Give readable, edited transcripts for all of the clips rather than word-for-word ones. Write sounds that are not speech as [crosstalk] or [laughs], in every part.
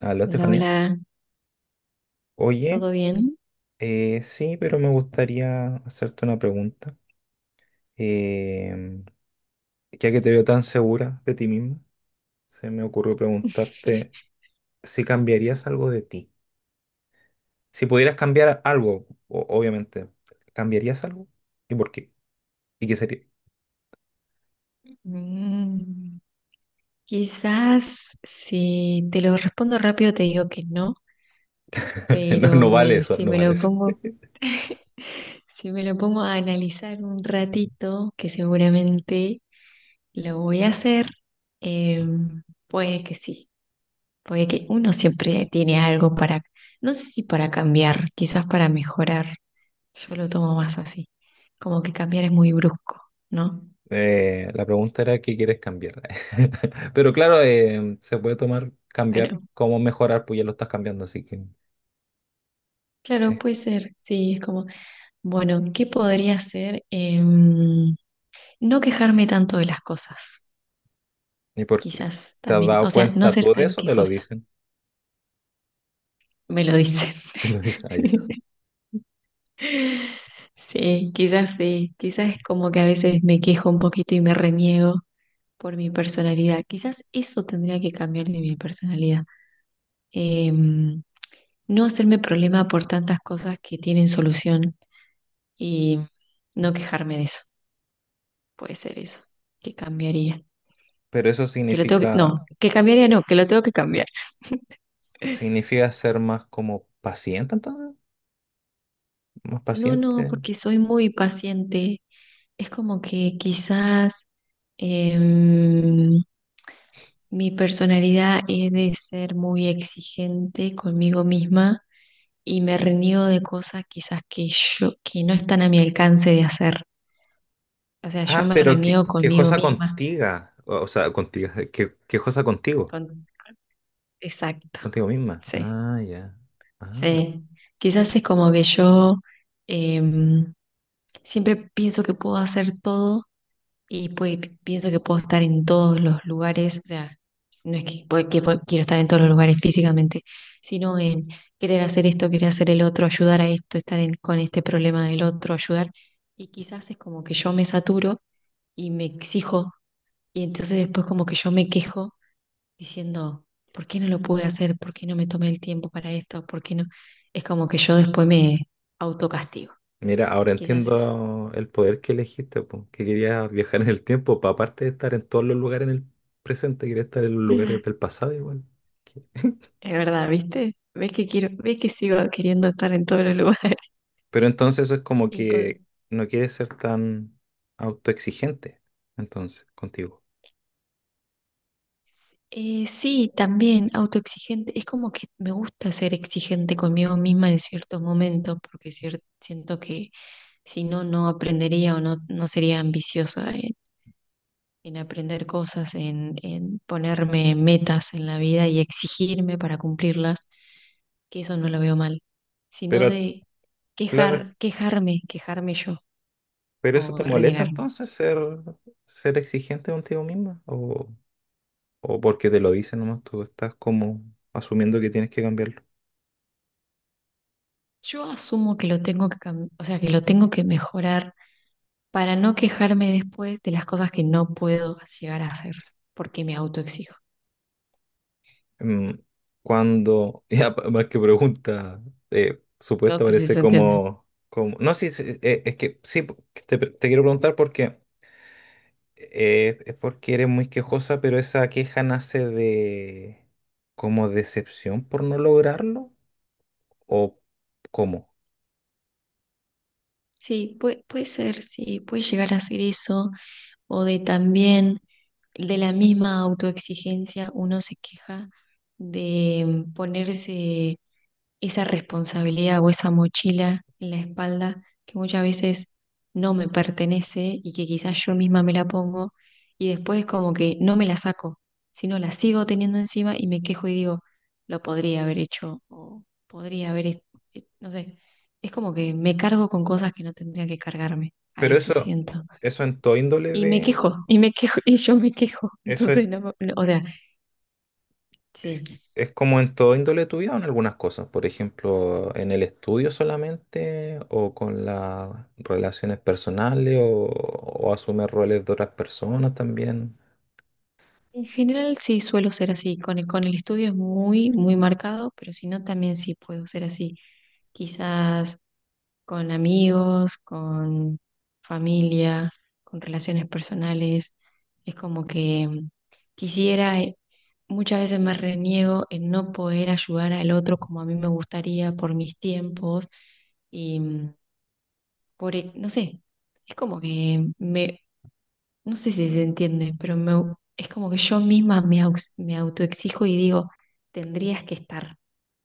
Aló, Hola, Estefanía. hola, Oye, ¿todo bien? Sí, pero me gustaría hacerte una pregunta. Em, ya que te veo tan segura de ti misma, se me ocurrió preguntarte si cambiarías algo de ti. Si pudieras cambiar algo, obviamente, ¿cambiarías algo? ¿Y por qué? ¿Y qué sería? Mm, Quizás si te lo respondo rápido te digo que no, [laughs] No, pero no vale eso, si no me vale lo eso. pongo, [laughs] si me lo pongo a analizar un ratito, que seguramente lo voy a hacer, eh, puede que sí, puede que uno siempre tiene algo para, no sé si para cambiar, quizás para mejorar, yo lo tomo más así, como que cambiar es muy brusco, ¿no? La pregunta era qué quieres cambiar. [laughs] Pero claro, se puede tomar cambiar, Bueno. cómo mejorar, pues ya lo estás cambiando, así que es. Claro, puede ser, sí, es como, bueno, ¿qué podría hacer? No quejarme tanto de las cosas, ¿Y por qué? quizás ¿Te has también, dado o sea, no cuenta ser tú de tan eso? ¿O te lo quejosa, dicen? me lo dicen. [laughs] Te lo dicen a ella. [laughs] Sí, quizás es como que a veces me quejo un poquito y me reniego por mi personalidad, quizás eso tendría que cambiar de mi personalidad. Em, no hacerme problema por tantas cosas que tienen solución y no quejarme de eso. Puede ser eso. ¿Qué cambiaría? Pero eso Que lo tengo que... No, significa, que cambiaría no, que lo tengo que cambiar. [laughs] significa ser más como paciente, entonces. Más No, no, paciente. porque soy muy paciente. Es como que quizás em, mi personalidad es de ser muy exigente conmigo misma y me reniego de cosas quizás que yo, que no están a mi alcance de hacer. O sea, yo Ah, me pero reniego conmigo quejosa misma. contigo. O sea, contigo. Que, quejosa contigo. Con... Exacto. Contigo misma. Sí. Ah, ya. Ah. Sí, quizás es como que yo em, siempre pienso que puedo hacer todo y pues, pienso que puedo estar en todos los lugares, o sea, no es que, quiero estar en todos los lugares físicamente, sino en querer hacer esto, querer hacer el otro, ayudar a esto, estar con este problema del otro, ayudar. Y quizás es como que yo me saturo y me exijo y entonces después como que yo me quejo diciendo, ¿por qué no lo pude hacer? ¿Por qué no me tomé el tiempo para esto? ¿Por qué no? Es como que yo después me autocastigo, Mira, ahora quizás eso. entiendo el poder que elegiste, po, que querías viajar en el tiempo, para aparte de estar en todos los lugares en el presente, querías estar en los Mm. lugares del pasado igual. Es verdad, ¿viste? ¿Ves que quiero, ves que sigo queriendo estar en todos los lugares? Pero entonces eso es como [laughs] Incon- que no quieres ser tan autoexigente, entonces, contigo. Sí, también autoexigente. Es como que me gusta ser exigente conmigo misma en ciertos momentos, porque siento que si no, no aprendería o no, no sería ambiciosa en aprender cosas, en ponerme metas en la vida y exigirme para cumplirlas, que eso no lo veo mal, sino Pero, de claro, quejar, quejarme yo pero eso o te molesta renegarme. entonces ser exigente contigo misma o porque te lo dicen nomás, tú estás como asumiendo que tienes que cambiarlo. Yo asumo que lo tengo que o sea, que lo tengo que mejorar para no quejarme después de las cosas que no puedo llegar a hacer, porque me autoexijo. Mm, Cuando, [laughs] ya más que pregunta, No supuesta sé si parece se entiende. No, sí, sí, es que sí, te quiero preguntar porque... Es porque eres muy quejosa, pero esa queja nace de como decepción por no lograrlo o cómo. Sí, puede, puede ser, sí, puede llegar a ser eso, o de también de la misma autoexigencia uno se queja de ponerse esa responsabilidad o esa mochila en la espalda que muchas veces no me pertenece y que quizás yo misma me la pongo y después como que no me la saco, sino la sigo teniendo encima y me quejo y digo, lo podría haber hecho o podría haber, no sé, es como que me cargo con cosas que no tendría que cargarme, a Pero veces siento. eso en todo índole Y me de, quejo, y me quejo, y yo me quejo. [laughs] eso Entonces, no, no, o sea, Sí. es como en todo índole de tu vida o en algunas cosas. Por ejemplo, en el estudio solamente o con las relaciones personales o asumir roles de otras personas también. En general sí suelo ser así. Con el estudio es muy, muy marcado, pero si no, también sí puedo ser así. Quizás con amigos, con familia, con relaciones personales. Es como que quisiera, muchas veces me reniego en no poder ayudar al otro como a mí me gustaría por mis tiempos y por, no sé, es como que me no sé si se entiende, pero me es como que yo misma me, me autoexijo y digo, tendrías que estar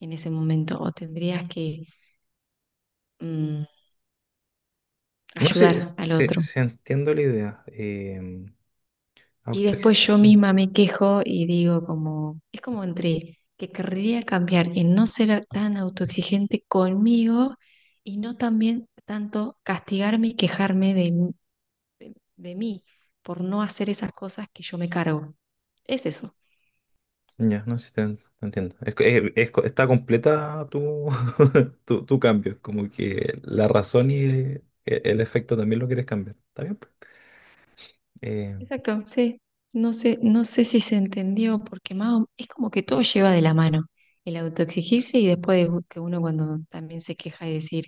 en ese momento o tendrías que mm, No sé ayudar al otro. si entiendo la idea. Y después yo Autoexigente. misma me quejo y digo como, es como entre que querría cambiar en no ser tan autoexigente conmigo y no también tanto castigarme y quejarme de mí por no hacer esas cosas que yo me cargo. Es eso. Ya, no sé si te entiendo. Es, que- es co- Está completa tu, [laughs] tu cambio. Es como que la razón y efecto también lo quieres cambiar. ¿Está bien? Pues. Eh, Exacto, sí. No sé, no sé si se entendió, porque más es como que todo lleva de la mano. El autoexigirse y después de que uno cuando también se queja y decir,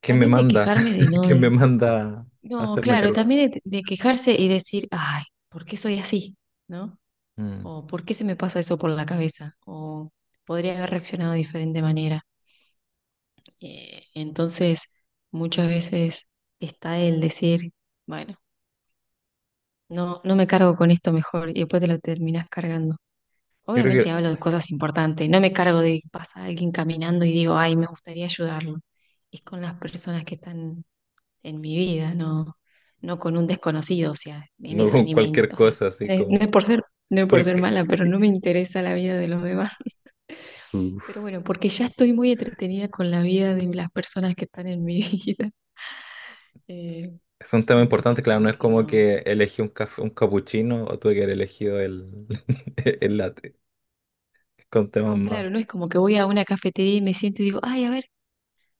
¿Quién me también de manda? quejarme de [laughs] no, ¿Quién me manda a no, hacerme claro, cargo de... también de quejarse y decir, ay, ¿por qué soy así? ¿No? Mm. O ¿por qué se me pasa eso por la cabeza? O podría haber reaccionado de diferente manera. Entonces, muchas veces está el decir, bueno, no, no me cargo con esto mejor y después te lo terminas cargando. Yo creo Obviamente que hablo de cosas importantes, no me cargo de que pasa alguien caminando y digo, ay, me gustaría ayudarlo. Es con las personas que están en mi vida, no, no con un desconocido, o sea, en no eso con ni me, cualquier o sea, cosa, así no es, no como... es por ser, no es [laughs] tú por es ser mala, pero no me que- [laughs] interesa la vida de los demás. [laughs] Pero Uf. bueno, porque ya estoy muy entretenida con la vida de las personas que están en mi [laughs] vida. Eh, Es un tema entonces importante, claro, no como es que como no, que elegí un café, un capuchino o tuve que haber elegido el, [laughs] el latte. Es con temas no, más... claro, no es como que voy a una cafetería y me siento y digo, ay, a ver.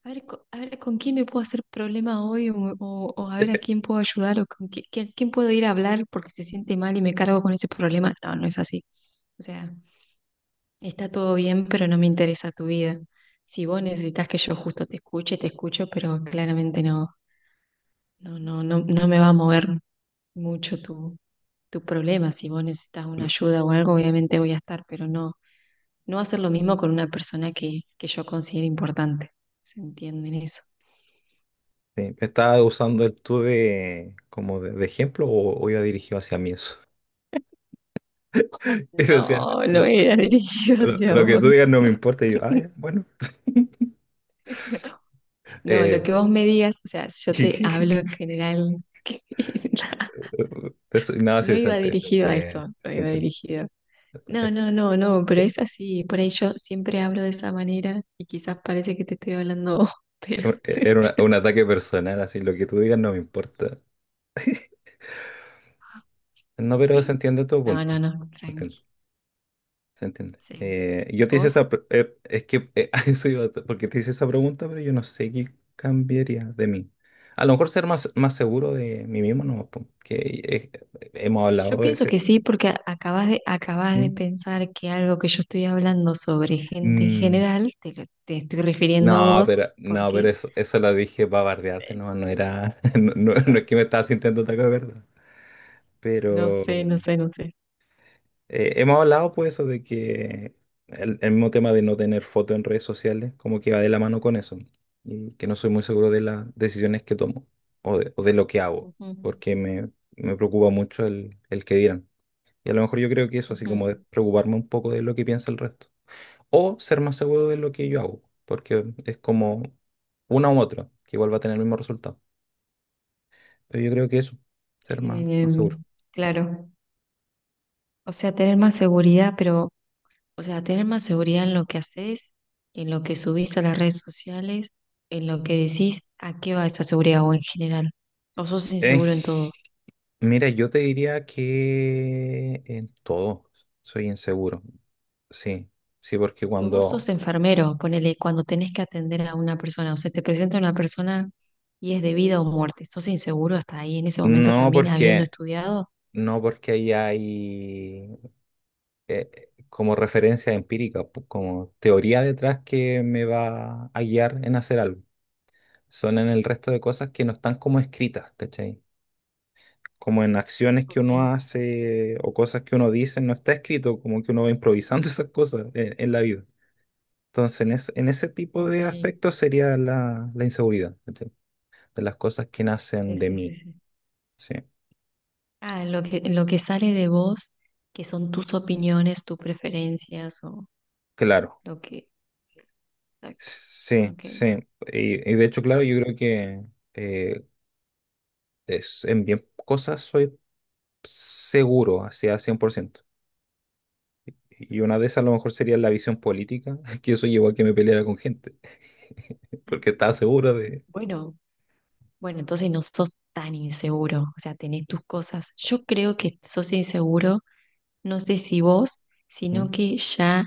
A ver, a ver, ¿con quién me puedo hacer problema hoy? O, o a ver a quién puedo ayudar o con quién puedo ir a hablar porque se siente mal y me cargo con ese problema. No, no es así. O sea, está todo bien, pero no me interesa tu vida. Si vos necesitas que yo justo te escuche, te escucho, pero claramente no, no no me va a mover mucho tu, tu problema. Si vos necesitas una ayuda o algo, obviamente voy a estar, pero no, no va a ser lo mismo con una persona que yo considero importante. ¿Se entienden eso? Sí, estaba usando el tú de, como de ejemplo o iba dirigido hacia mí eso. [laughs] Y decía, No, no lo, era [laughs] dirigido hacia lo que tú vos. digas no me importa. Y yo, ah, [laughs] ya, bueno. No, no, lo Eh, que vos me digas, o sea, yo te hablo en [laughs] general. [laughs] No, No sí, se iba entiende. Se dirigido a entiende, eso, no se iba dirigido. No, entiende. no, no, no, pero es así. Por ahí yo siempre hablo de esa manera y quizás parece que te estoy hablando, a vos, [laughs] pero... Era [laughs] un ataque personal, así, lo que tú digas no me importa. No, pero se entiende tu No, punto. no, no, Se tranqui. entiende. Se entiende. Sí. Yo te hice ¿Vos? esa... es que [laughs] a eso iba, porque te hice esa pregunta, pero yo no sé qué cambiaría de mí. A lo mejor ser más, más seguro de mí mismo, no, po, que eh, hemos Yo hablado de pienso ese. que sí, porque acabas ¿Mm? de pensar que algo que yo estoy hablando sobre gente en Mm, general, te, te estoy refiriendo a no, vos, pero, no, pero porque eso lo dije para bardearte, eh, no, no era... [laughs] No, no no, es que me estabas sintiendo ataque, ¿verdad? no sé, Pero... no sé, no sé. Hemos hablado pues eso de que el mismo tema de no tener foto en redes sociales como que va de la mano con eso y que no soy muy seguro de las decisiones que tomo o de lo que hago Ujú, porque me preocupa mucho el que dirán. Y a lo mejor yo creo que eso, así ujú. como de preocuparme un poco de lo que piensa el resto o ser más seguro de lo que yo hago porque es como una u otra que igual va a tener el mismo resultado. Pero yo creo que eso, ser más, más Em, seguro. claro, o sea, tener más seguridad, pero, o sea, tener más seguridad en lo que haces, en lo que subís a las redes sociales, en lo que decís, ¿a qué va esa seguridad o en general? ¿O sos En inseguro en todo? Mira, yo te diría que en todo soy inseguro. Sí, sí, porque Pero vos cuando... sos enfermero, ponele, cuando tenés que atender a una persona, o sea, te presenta una persona y es de vida o muerte. ¿Sos inseguro hasta ahí en ese momento No también habiendo porque, estudiado? no porque ahí hay como referencia empírica, como teoría detrás que me va a guiar en hacer algo. Son en el resto de cosas que no están como escritas, ¿cachai? Como en acciones que Ok, uno hace o cosas que uno dice, no está escrito, como que uno va improvisando [laughs] esas cosas en la vida. Entonces, en ese tipo ok, de sí, aspectos sería la inseguridad, ¿cachai? De las cosas que nacen de mí, sí. ¿sí? Ah, lo que sale de vos, que son tus opiniones, tus preferencias o Claro, lo que... Exacto. sí, Ok. sí. Y de hecho, claro, yo creo que eh, en bien cosas soy seguro, hacia 100%. Y una de esas a lo mejor sería la visión política, [laughs] que eso llevó a que me peleara con gente, [laughs] porque estaba seguro de... Bueno, bueno, entonces no sos tan inseguro, o sea, tenés tus cosas. Yo creo que sos inseguro, no sé si vos, ¿Mm? sino que ya...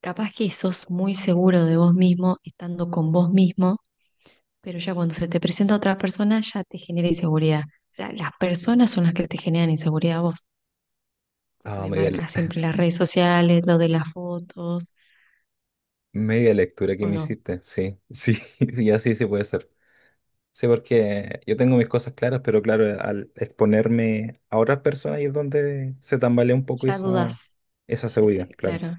Capaz que sos muy seguro de vos mismo estando con vos mismo, pero ya cuando se te presenta otra persona ya te genera inseguridad. O sea, las personas son las que te generan inseguridad a vos, porque Ah, me marcas siempre las redes sociales, lo de las fotos, media lectura que o me no. hiciste, sí, sí, [laughs] y así se puede ser. Sí, porque yo tengo mis cosas claras, pero claro, al exponerme a otras personas ahí es donde se tambalea un poco Ya esa, dudas. esa seguridad, claro. Claro.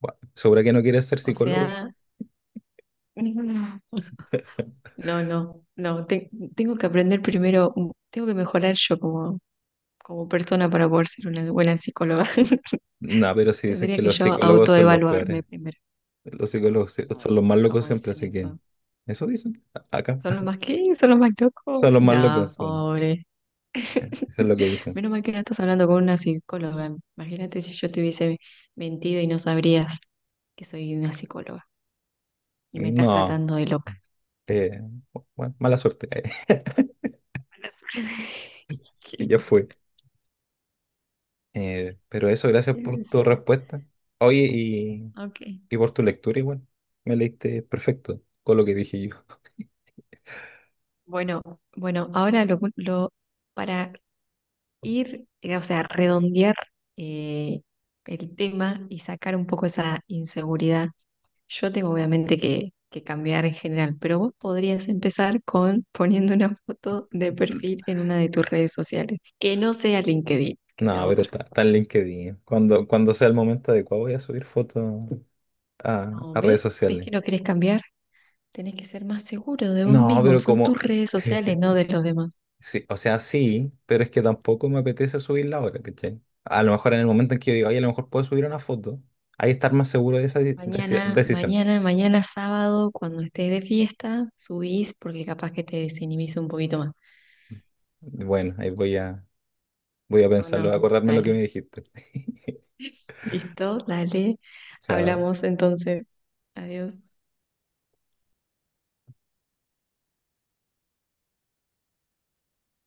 Bueno, ¿segura que no quieres ser O psicóloga? sea, [laughs] [laughs] no, no, no. Tengo que aprender primero, tengo que mejorar yo como, como persona para poder ser una buena psicóloga. [laughs] No, pero sí dicen Tendría que que los yo psicólogos son los peores. autoevaluarme primero. Los psicólogos son No, los más locos ¿cómo siempre, dicen así que eso? eso dicen acá. Son los [laughs] más que, son los más locos. Son los más locos, No, sí. pobre. Eso es lo [laughs] que dicen. Menos mal que no estás hablando con una psicóloga. Imagínate si yo te hubiese mentido y no sabrías que soy una psicóloga y me estás No, tratando de loca. eh, bueno, mala suerte. [laughs] Mala suerte. [laughs] Qué Ya mal. fue. Pero eso, gracias Qué por tu necesidad. respuesta. Oye, Ok. y por tu lectura igual, me leíste perfecto con lo que dije yo. [laughs] Bueno, bueno, ahora lo, para ir, o sea, redondear eh, el tema y sacar un poco esa inseguridad. Yo tengo obviamente que cambiar en general, pero vos podrías empezar con [laughs] poniendo una foto de perfil en una de tus redes sociales, que no sea LinkedIn, que sea No, pero otra. está en LinkedIn. Cuando sea el momento adecuado voy a subir fotos a, No, a redes ¿ves? ¿Ves sociales. que no querés cambiar? Tenés que ser más seguro de vos No, mismo, pero son tus como... redes sociales, no [laughs] de los demás. Sí, o sea, sí, pero es que tampoco me apetece subirla ahora, ¿cachai? A lo mejor en el momento en que yo diga, oye, a lo mejor puedo subir una foto, ahí estar más seguro de esa Mañana, decisión. mañana, mañana sábado, cuando estés de fiesta, subís porque capaz que te desinhibís un poquito más. Bueno, ahí voy a No, pensarlo, a no, acordarme lo que me dale. dijiste. [laughs] Listo, dale. Chao. Hablamos entonces. Adiós.